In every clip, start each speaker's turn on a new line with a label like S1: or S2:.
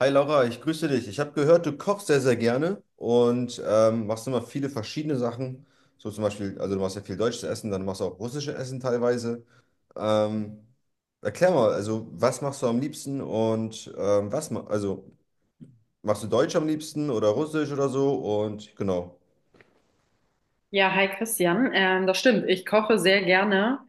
S1: Hi Laura, ich grüße dich. Ich habe gehört, du kochst sehr, sehr gerne und machst immer viele verschiedene Sachen. So zum Beispiel, also du machst ja viel deutsches Essen, dann machst du auch russisches Essen teilweise. Ähm, Erklär mal, also was machst du am liebsten und was, ma also machst du Deutsch am liebsten oder Russisch oder so und genau.
S2: Ja, hi Christian. Das stimmt. Ich koche sehr gerne,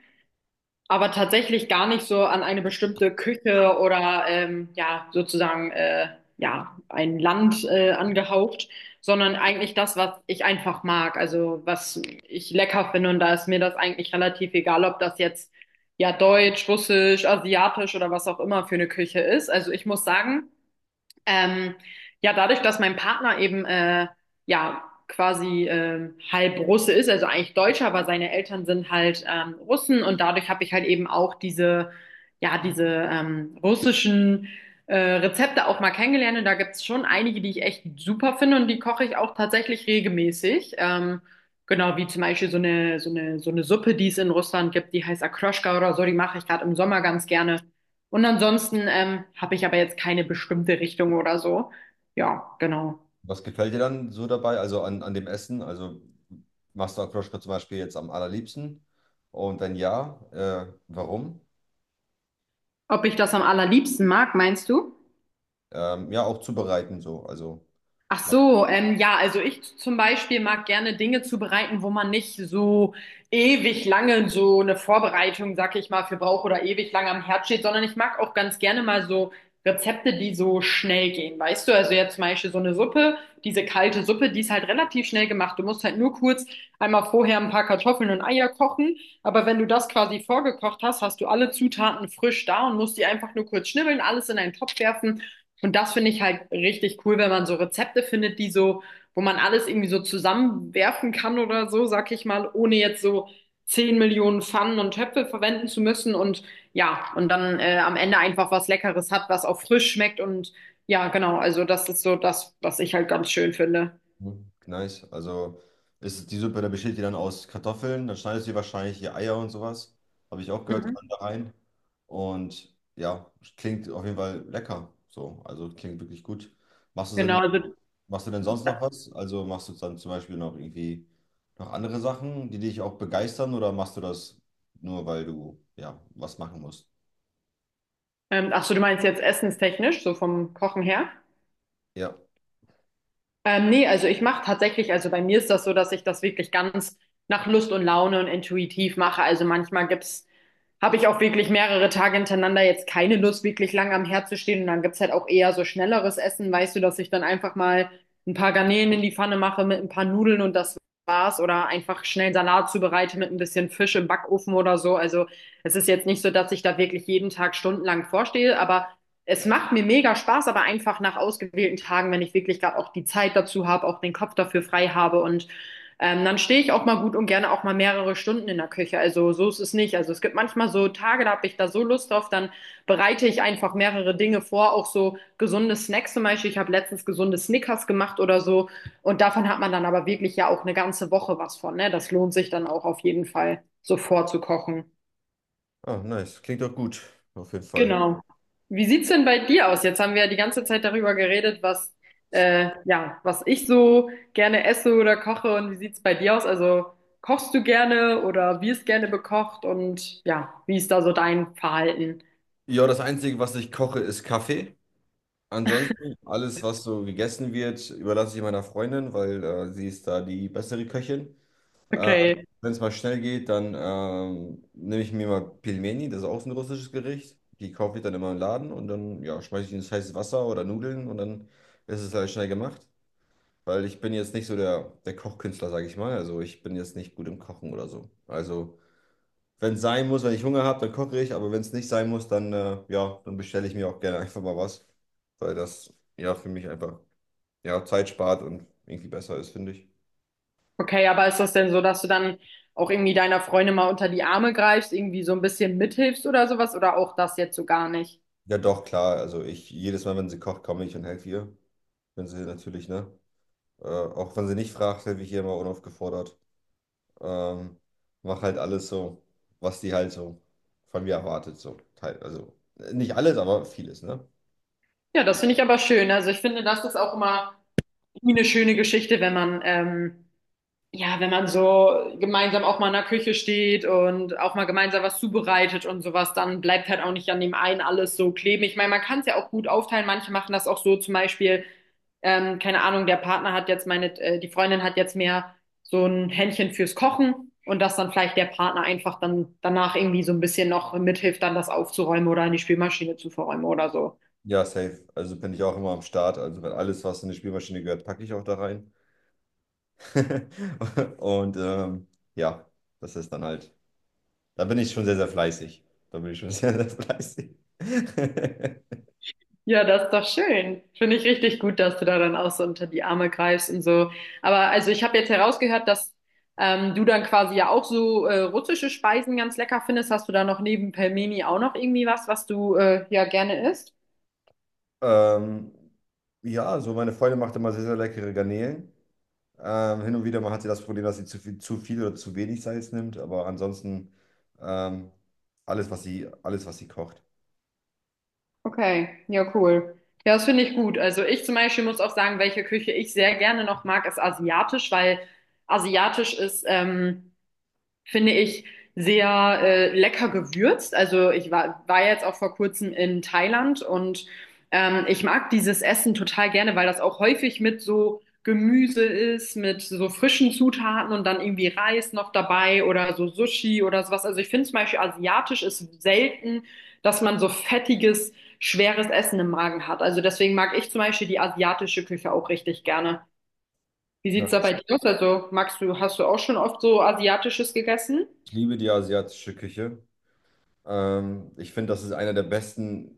S2: aber tatsächlich gar nicht so an eine bestimmte Küche oder ja, sozusagen ja, ein Land angehaucht, sondern eigentlich das, was ich einfach mag, also was ich lecker finde und da ist mir das eigentlich relativ egal, ob das jetzt ja deutsch, russisch, asiatisch oder was auch immer für eine Küche ist. Also ich muss sagen, ähm, ja, dadurch, dass mein Partner eben ja quasi halb Russe ist, also eigentlich Deutscher, aber seine Eltern sind halt Russen und dadurch habe ich halt eben auch diese ja diese russischen Rezepte auch mal kennengelernt und da gibt's schon einige, die ich echt super finde und die koche ich auch tatsächlich regelmäßig. Genau, wie zum Beispiel so eine Suppe, die es in Russland gibt, die heißt Akroschka oder so, die mache ich gerade im Sommer ganz gerne. Und ansonsten habe ich aber jetzt keine bestimmte Richtung oder so. Ja, genau.
S1: Was gefällt dir dann so dabei, also an dem Essen? Also machst du Akroschka zum Beispiel jetzt am allerliebsten? Und wenn ja, warum?
S2: Ob ich das am allerliebsten mag, meinst du?
S1: Ja, auch zubereiten so, also.
S2: Ach so, ja, also ich zum Beispiel mag gerne Dinge zubereiten, wo man nicht so ewig lange so eine Vorbereitung, sag ich mal, für braucht oder ewig lange am Herd steht, sondern ich mag auch ganz gerne mal so Rezepte, die so schnell gehen, weißt du? Also jetzt zum Beispiel so eine Suppe, diese kalte Suppe, die ist halt relativ schnell gemacht. Du musst halt nur kurz einmal vorher ein paar Kartoffeln und Eier kochen, aber wenn du das quasi vorgekocht hast, hast du alle Zutaten frisch da und musst die einfach nur kurz schnibbeln, alles in einen Topf werfen. Und das finde ich halt richtig cool, wenn man so Rezepte findet, die so, wo man alles irgendwie so zusammenwerfen kann oder so, sag ich mal, ohne jetzt so 10 Millionen Pfannen und Töpfe verwenden zu müssen und ja, und dann am Ende einfach was Leckeres hat, was auch frisch schmeckt und ja, genau, also das ist so das, was ich halt ganz schön finde.
S1: Mhm. Nice. Also ist die Suppe, da besteht die dann aus Kartoffeln, dann schneidest du dir wahrscheinlich die Eier und sowas. Habe ich auch gehört, kann
S2: Mhm.
S1: da rein. Und ja, klingt auf jeden Fall lecker. So, also klingt wirklich gut. Machst du
S2: Genau,
S1: denn,
S2: also,
S1: machst du denn sonst noch was? Also machst du dann zum Beispiel noch irgendwie noch andere Sachen, die dich auch begeistern oder machst du das nur, weil du ja was machen musst?
S2: ach so, du meinst jetzt essenstechnisch, so vom Kochen her?
S1: Ja.
S2: Nee, also ich mache tatsächlich, also bei mir ist das so, dass ich das wirklich ganz nach Lust und Laune und intuitiv mache. Also manchmal gibt's, habe ich auch wirklich mehrere Tage hintereinander jetzt keine Lust, wirklich lang am Herd zu stehen. Und dann gibt's halt auch eher so schnelleres Essen, weißt du, dass ich dann einfach mal ein paar Garnelen in die Pfanne mache mit ein paar Nudeln und das war's. Oder einfach schnell einen Salat zubereite mit ein bisschen Fisch im Backofen oder so. Also es ist jetzt nicht so, dass ich da wirklich jeden Tag stundenlang vorstehe, aber es macht mir mega Spaß, aber einfach nach ausgewählten Tagen, wenn ich wirklich gerade auch die Zeit dazu habe, auch den Kopf dafür frei habe und dann stehe ich auch mal gut und gerne auch mal mehrere Stunden in der Küche. Also so ist es nicht. Also es gibt manchmal so Tage, da habe ich da so Lust drauf, dann bereite ich einfach mehrere Dinge vor, auch so gesunde Snacks zum Beispiel. Ich habe letztens gesunde Snickers gemacht oder so und davon hat man dann aber wirklich ja auch eine ganze Woche was von, ne? Das lohnt sich dann auch auf jeden Fall, so vorzukochen.
S1: Ah, nice. Klingt doch gut, auf jeden Fall.
S2: Genau. Wie sieht's denn bei dir aus? Jetzt haben wir ja die ganze Zeit darüber geredet, was ja, was ich so gerne esse oder koche und wie sieht's bei dir aus? Also kochst du gerne oder wirst gerne bekocht und ja, wie ist da so dein Verhalten?
S1: Ja, das Einzige, was ich koche, ist Kaffee. Ansonsten, alles, was so gegessen wird, überlasse ich meiner Freundin, weil sie ist da die bessere Köchin. Äh,
S2: Okay.
S1: Wenn es mal schnell geht, dann nehme ich mir mal Pilmeni, das ist auch so ein russisches Gericht. Die kaufe ich dann immer im Laden und dann ja, schmeiße ich ins heiße Wasser oder Nudeln und dann ist es halt schnell gemacht. Weil ich bin jetzt nicht so der Kochkünstler, sage ich mal. Also ich bin jetzt nicht gut im Kochen oder so. Also wenn es sein muss, wenn ich Hunger habe, dann koche ich, aber wenn es nicht sein muss, dann, ja, dann bestelle ich mir auch gerne einfach mal was, weil das ja für mich einfach ja, Zeit spart und irgendwie besser ist, finde ich.
S2: Okay, aber ist das denn so, dass du dann auch irgendwie deiner Freundin mal unter die Arme greifst, irgendwie so ein bisschen mithilfst oder sowas oder auch das jetzt so gar nicht?
S1: Ja, doch, klar, also ich, jedes Mal, wenn sie kocht, komme ich und helfe ihr, wenn sie natürlich, ne, auch wenn sie nicht fragt, helfe ich ihr immer unaufgefordert, ähm, mach halt alles so, was die halt so von mir erwartet, so, nicht alles, aber vieles, ne?
S2: Ja, das finde ich aber schön. Also ich finde, das ist auch immer irgendwie eine schöne Geschichte, wenn man ja, wenn man so gemeinsam auch mal in der Küche steht und auch mal gemeinsam was zubereitet und sowas, dann bleibt halt auch nicht an dem einen alles so kleben. Ich meine, man kann es ja auch gut aufteilen. Manche machen das auch so, zum Beispiel, keine Ahnung, der Partner hat jetzt meine, die Freundin hat jetzt mehr so ein Händchen fürs Kochen und dass dann vielleicht der Partner einfach dann danach irgendwie so ein bisschen noch mithilft, dann das aufzuräumen oder in die Spülmaschine zu verräumen oder so.
S1: Ja, safe, also bin ich auch immer am Start, also wenn alles, was in die Spielmaschine gehört, packe ich auch da rein. Und ja, das ist dann halt, da bin ich schon sehr, sehr fleißig. Da bin ich schon sehr, sehr fleißig.
S2: Ja, das ist doch schön. Finde ich richtig gut, dass du da dann auch so unter die Arme greifst und so. Aber also ich habe jetzt herausgehört, dass du dann quasi ja auch so russische Speisen ganz lecker findest. Hast du da noch neben Pelmeni auch noch irgendwie was, was du ja gerne isst?
S1: Ähm, ja, so meine Freundin macht immer sehr, sehr leckere Garnelen. Hin und wieder mal hat sie das Problem, dass sie zu viel oder zu wenig Salz nimmt, aber ansonsten ähm, alles, was sie kocht.
S2: Okay, ja, cool. Ja, das finde ich gut. Also ich zum Beispiel muss auch sagen, welche Küche ich sehr gerne noch mag, ist asiatisch, weil asiatisch ist finde ich, sehr lecker gewürzt. Also war jetzt auch vor kurzem in Thailand und ich mag dieses Essen total gerne, weil das auch häufig mit so Gemüse ist, mit so frischen Zutaten und dann irgendwie Reis noch dabei oder so Sushi oder sowas. Also ich finde zum Beispiel asiatisch ist selten, dass man so fettiges, schweres Essen im Magen hat. Also deswegen mag ich zum Beispiel die asiatische Küche auch richtig gerne. Wie sieht's da
S1: Nice.
S2: bei dir aus? Also magst du, hast du auch schon oft so asiatisches gegessen?
S1: Ich liebe die asiatische Küche. Ich finde, das ist einer der besten.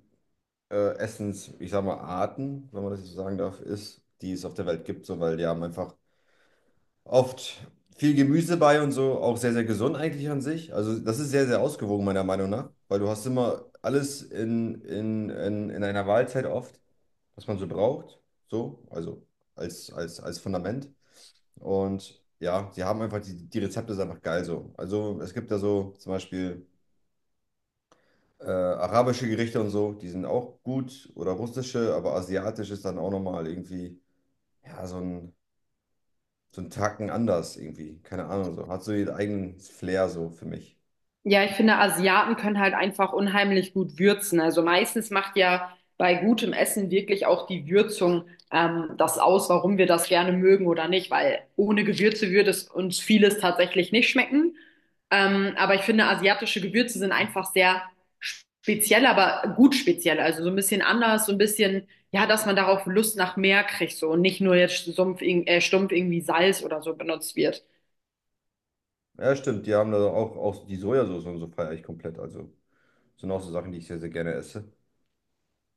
S1: Essens, ich sag mal, Arten, wenn man das so sagen darf, ist, die es auf der Welt gibt, so, weil die haben einfach oft viel Gemüse bei und so, auch sehr, sehr gesund eigentlich an sich. Also das ist sehr, sehr ausgewogen, meiner Meinung nach, weil du hast immer alles in einer Mahlzeit oft, was man so braucht, so, also als Fundament. Und ja, sie haben einfach, die Rezepte sind einfach geil so. Also es gibt da so zum Beispiel. Arabische Gerichte und so, die sind auch gut. Oder russische, aber asiatisch ist dann auch nochmal irgendwie, ja, so ein Tacken anders irgendwie. Keine Ahnung, so. Hat so ihren eigenen Flair so für mich.
S2: Ja, ich finde, Asiaten können halt einfach unheimlich gut würzen. Also meistens macht ja bei gutem Essen wirklich auch die Würzung das aus, warum wir das gerne mögen oder nicht, weil ohne Gewürze würde es uns vieles tatsächlich nicht schmecken. Aber ich finde, asiatische Gewürze sind einfach sehr speziell, aber gut speziell. Also so ein bisschen anders, so ein bisschen, ja, dass man darauf Lust nach mehr kriegt so und nicht nur jetzt stumpf, stumpf irgendwie Salz oder so benutzt wird.
S1: Ja, stimmt, die haben da auch die Sojasauce und so feiere ich komplett. Also, sind auch so Sachen, die ich sehr, sehr gerne esse.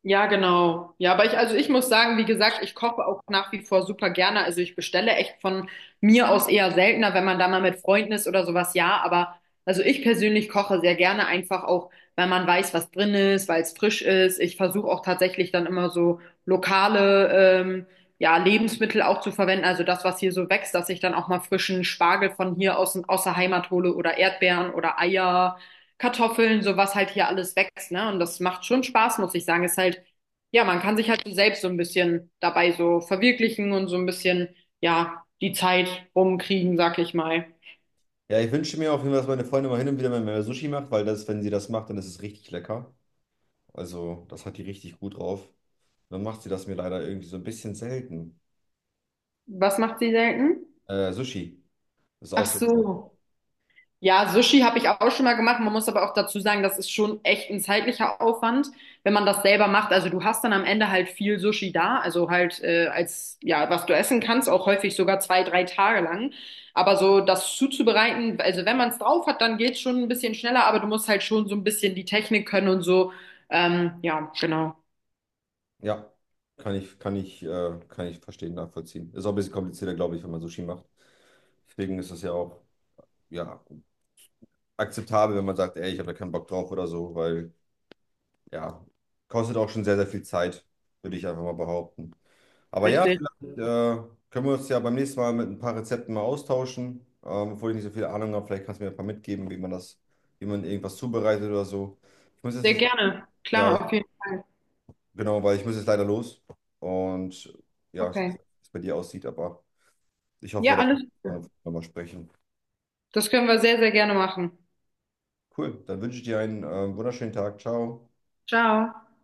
S2: Ja, genau. Ja, aber ich, also ich muss sagen, wie gesagt, ich koche auch nach wie vor super gerne. Also ich bestelle echt von mir aus eher seltener, wenn man da mal mit Freunden ist oder sowas, ja. Aber also ich persönlich koche sehr gerne einfach auch, weil man weiß, was drin ist, weil es frisch ist. Ich versuche auch tatsächlich dann immer so lokale, ja, Lebensmittel auch zu verwenden. Also das, was hier so wächst, dass ich dann auch mal frischen Spargel von hier aus, aus der Heimat hole oder Erdbeeren oder Eier. Kartoffeln, so was halt hier alles wächst, ne? Und das macht schon Spaß, muss ich sagen. Ist halt, ja, man kann sich halt so selbst so ein bisschen dabei so verwirklichen und so ein bisschen, ja, die Zeit rumkriegen, sag ich mal.
S1: Ja, ich wünsche mir auf jeden Fall, dass meine Freundin mal hin und wieder mal mehr Sushi macht, weil das, wenn sie das macht, dann ist es richtig lecker. Also, das hat die richtig gut drauf. Dann macht sie das mir leider irgendwie so ein bisschen selten.
S2: Was macht sie selten?
S1: Sushi ist
S2: Ach
S1: auch so.
S2: so. Ja, Sushi habe ich auch schon mal gemacht. Man muss aber auch dazu sagen, das ist schon echt ein zeitlicher Aufwand, wenn man das selber macht. Also du hast dann am Ende halt viel Sushi da, also halt als ja, was du essen kannst, auch häufig sogar zwei, drei Tage lang. Aber so das zuzubereiten, also wenn man es drauf hat, dann geht's schon ein bisschen schneller, aber du musst halt schon so ein bisschen die Technik können und so. Ja, genau,
S1: Ja, kann ich verstehen, nachvollziehen. Ist auch ein bisschen komplizierter, glaube ich, wenn man Sushi macht. Deswegen ist es ja auch, ja, akzeptabel, wenn man sagt, ey, ich habe da keinen Bock drauf oder so, weil, ja, kostet auch schon sehr, sehr viel Zeit, würde ich einfach mal behaupten. Aber ja,
S2: richtig.
S1: vielleicht können wir uns ja beim nächsten Mal mit ein paar Rezepten mal austauschen, obwohl ich nicht so viel Ahnung habe. Vielleicht kannst du mir ein paar mitgeben, wie man das, wie man irgendwas zubereitet oder so. Ich muss
S2: Sehr
S1: jetzt,
S2: gerne.
S1: ja,
S2: Klar, auf jeden Fall.
S1: Genau, weil ich muss jetzt leider los. Und ja, ich weiß
S2: Okay.
S1: nicht, wie es bei dir aussieht, aber ich hoffe,
S2: Ja,
S1: dass
S2: alles Gute.
S1: wir nochmal sprechen.
S2: Das können wir sehr, sehr gerne machen.
S1: Cool, dann wünsche ich dir einen wunderschönen Tag. Ciao.
S2: Ciao.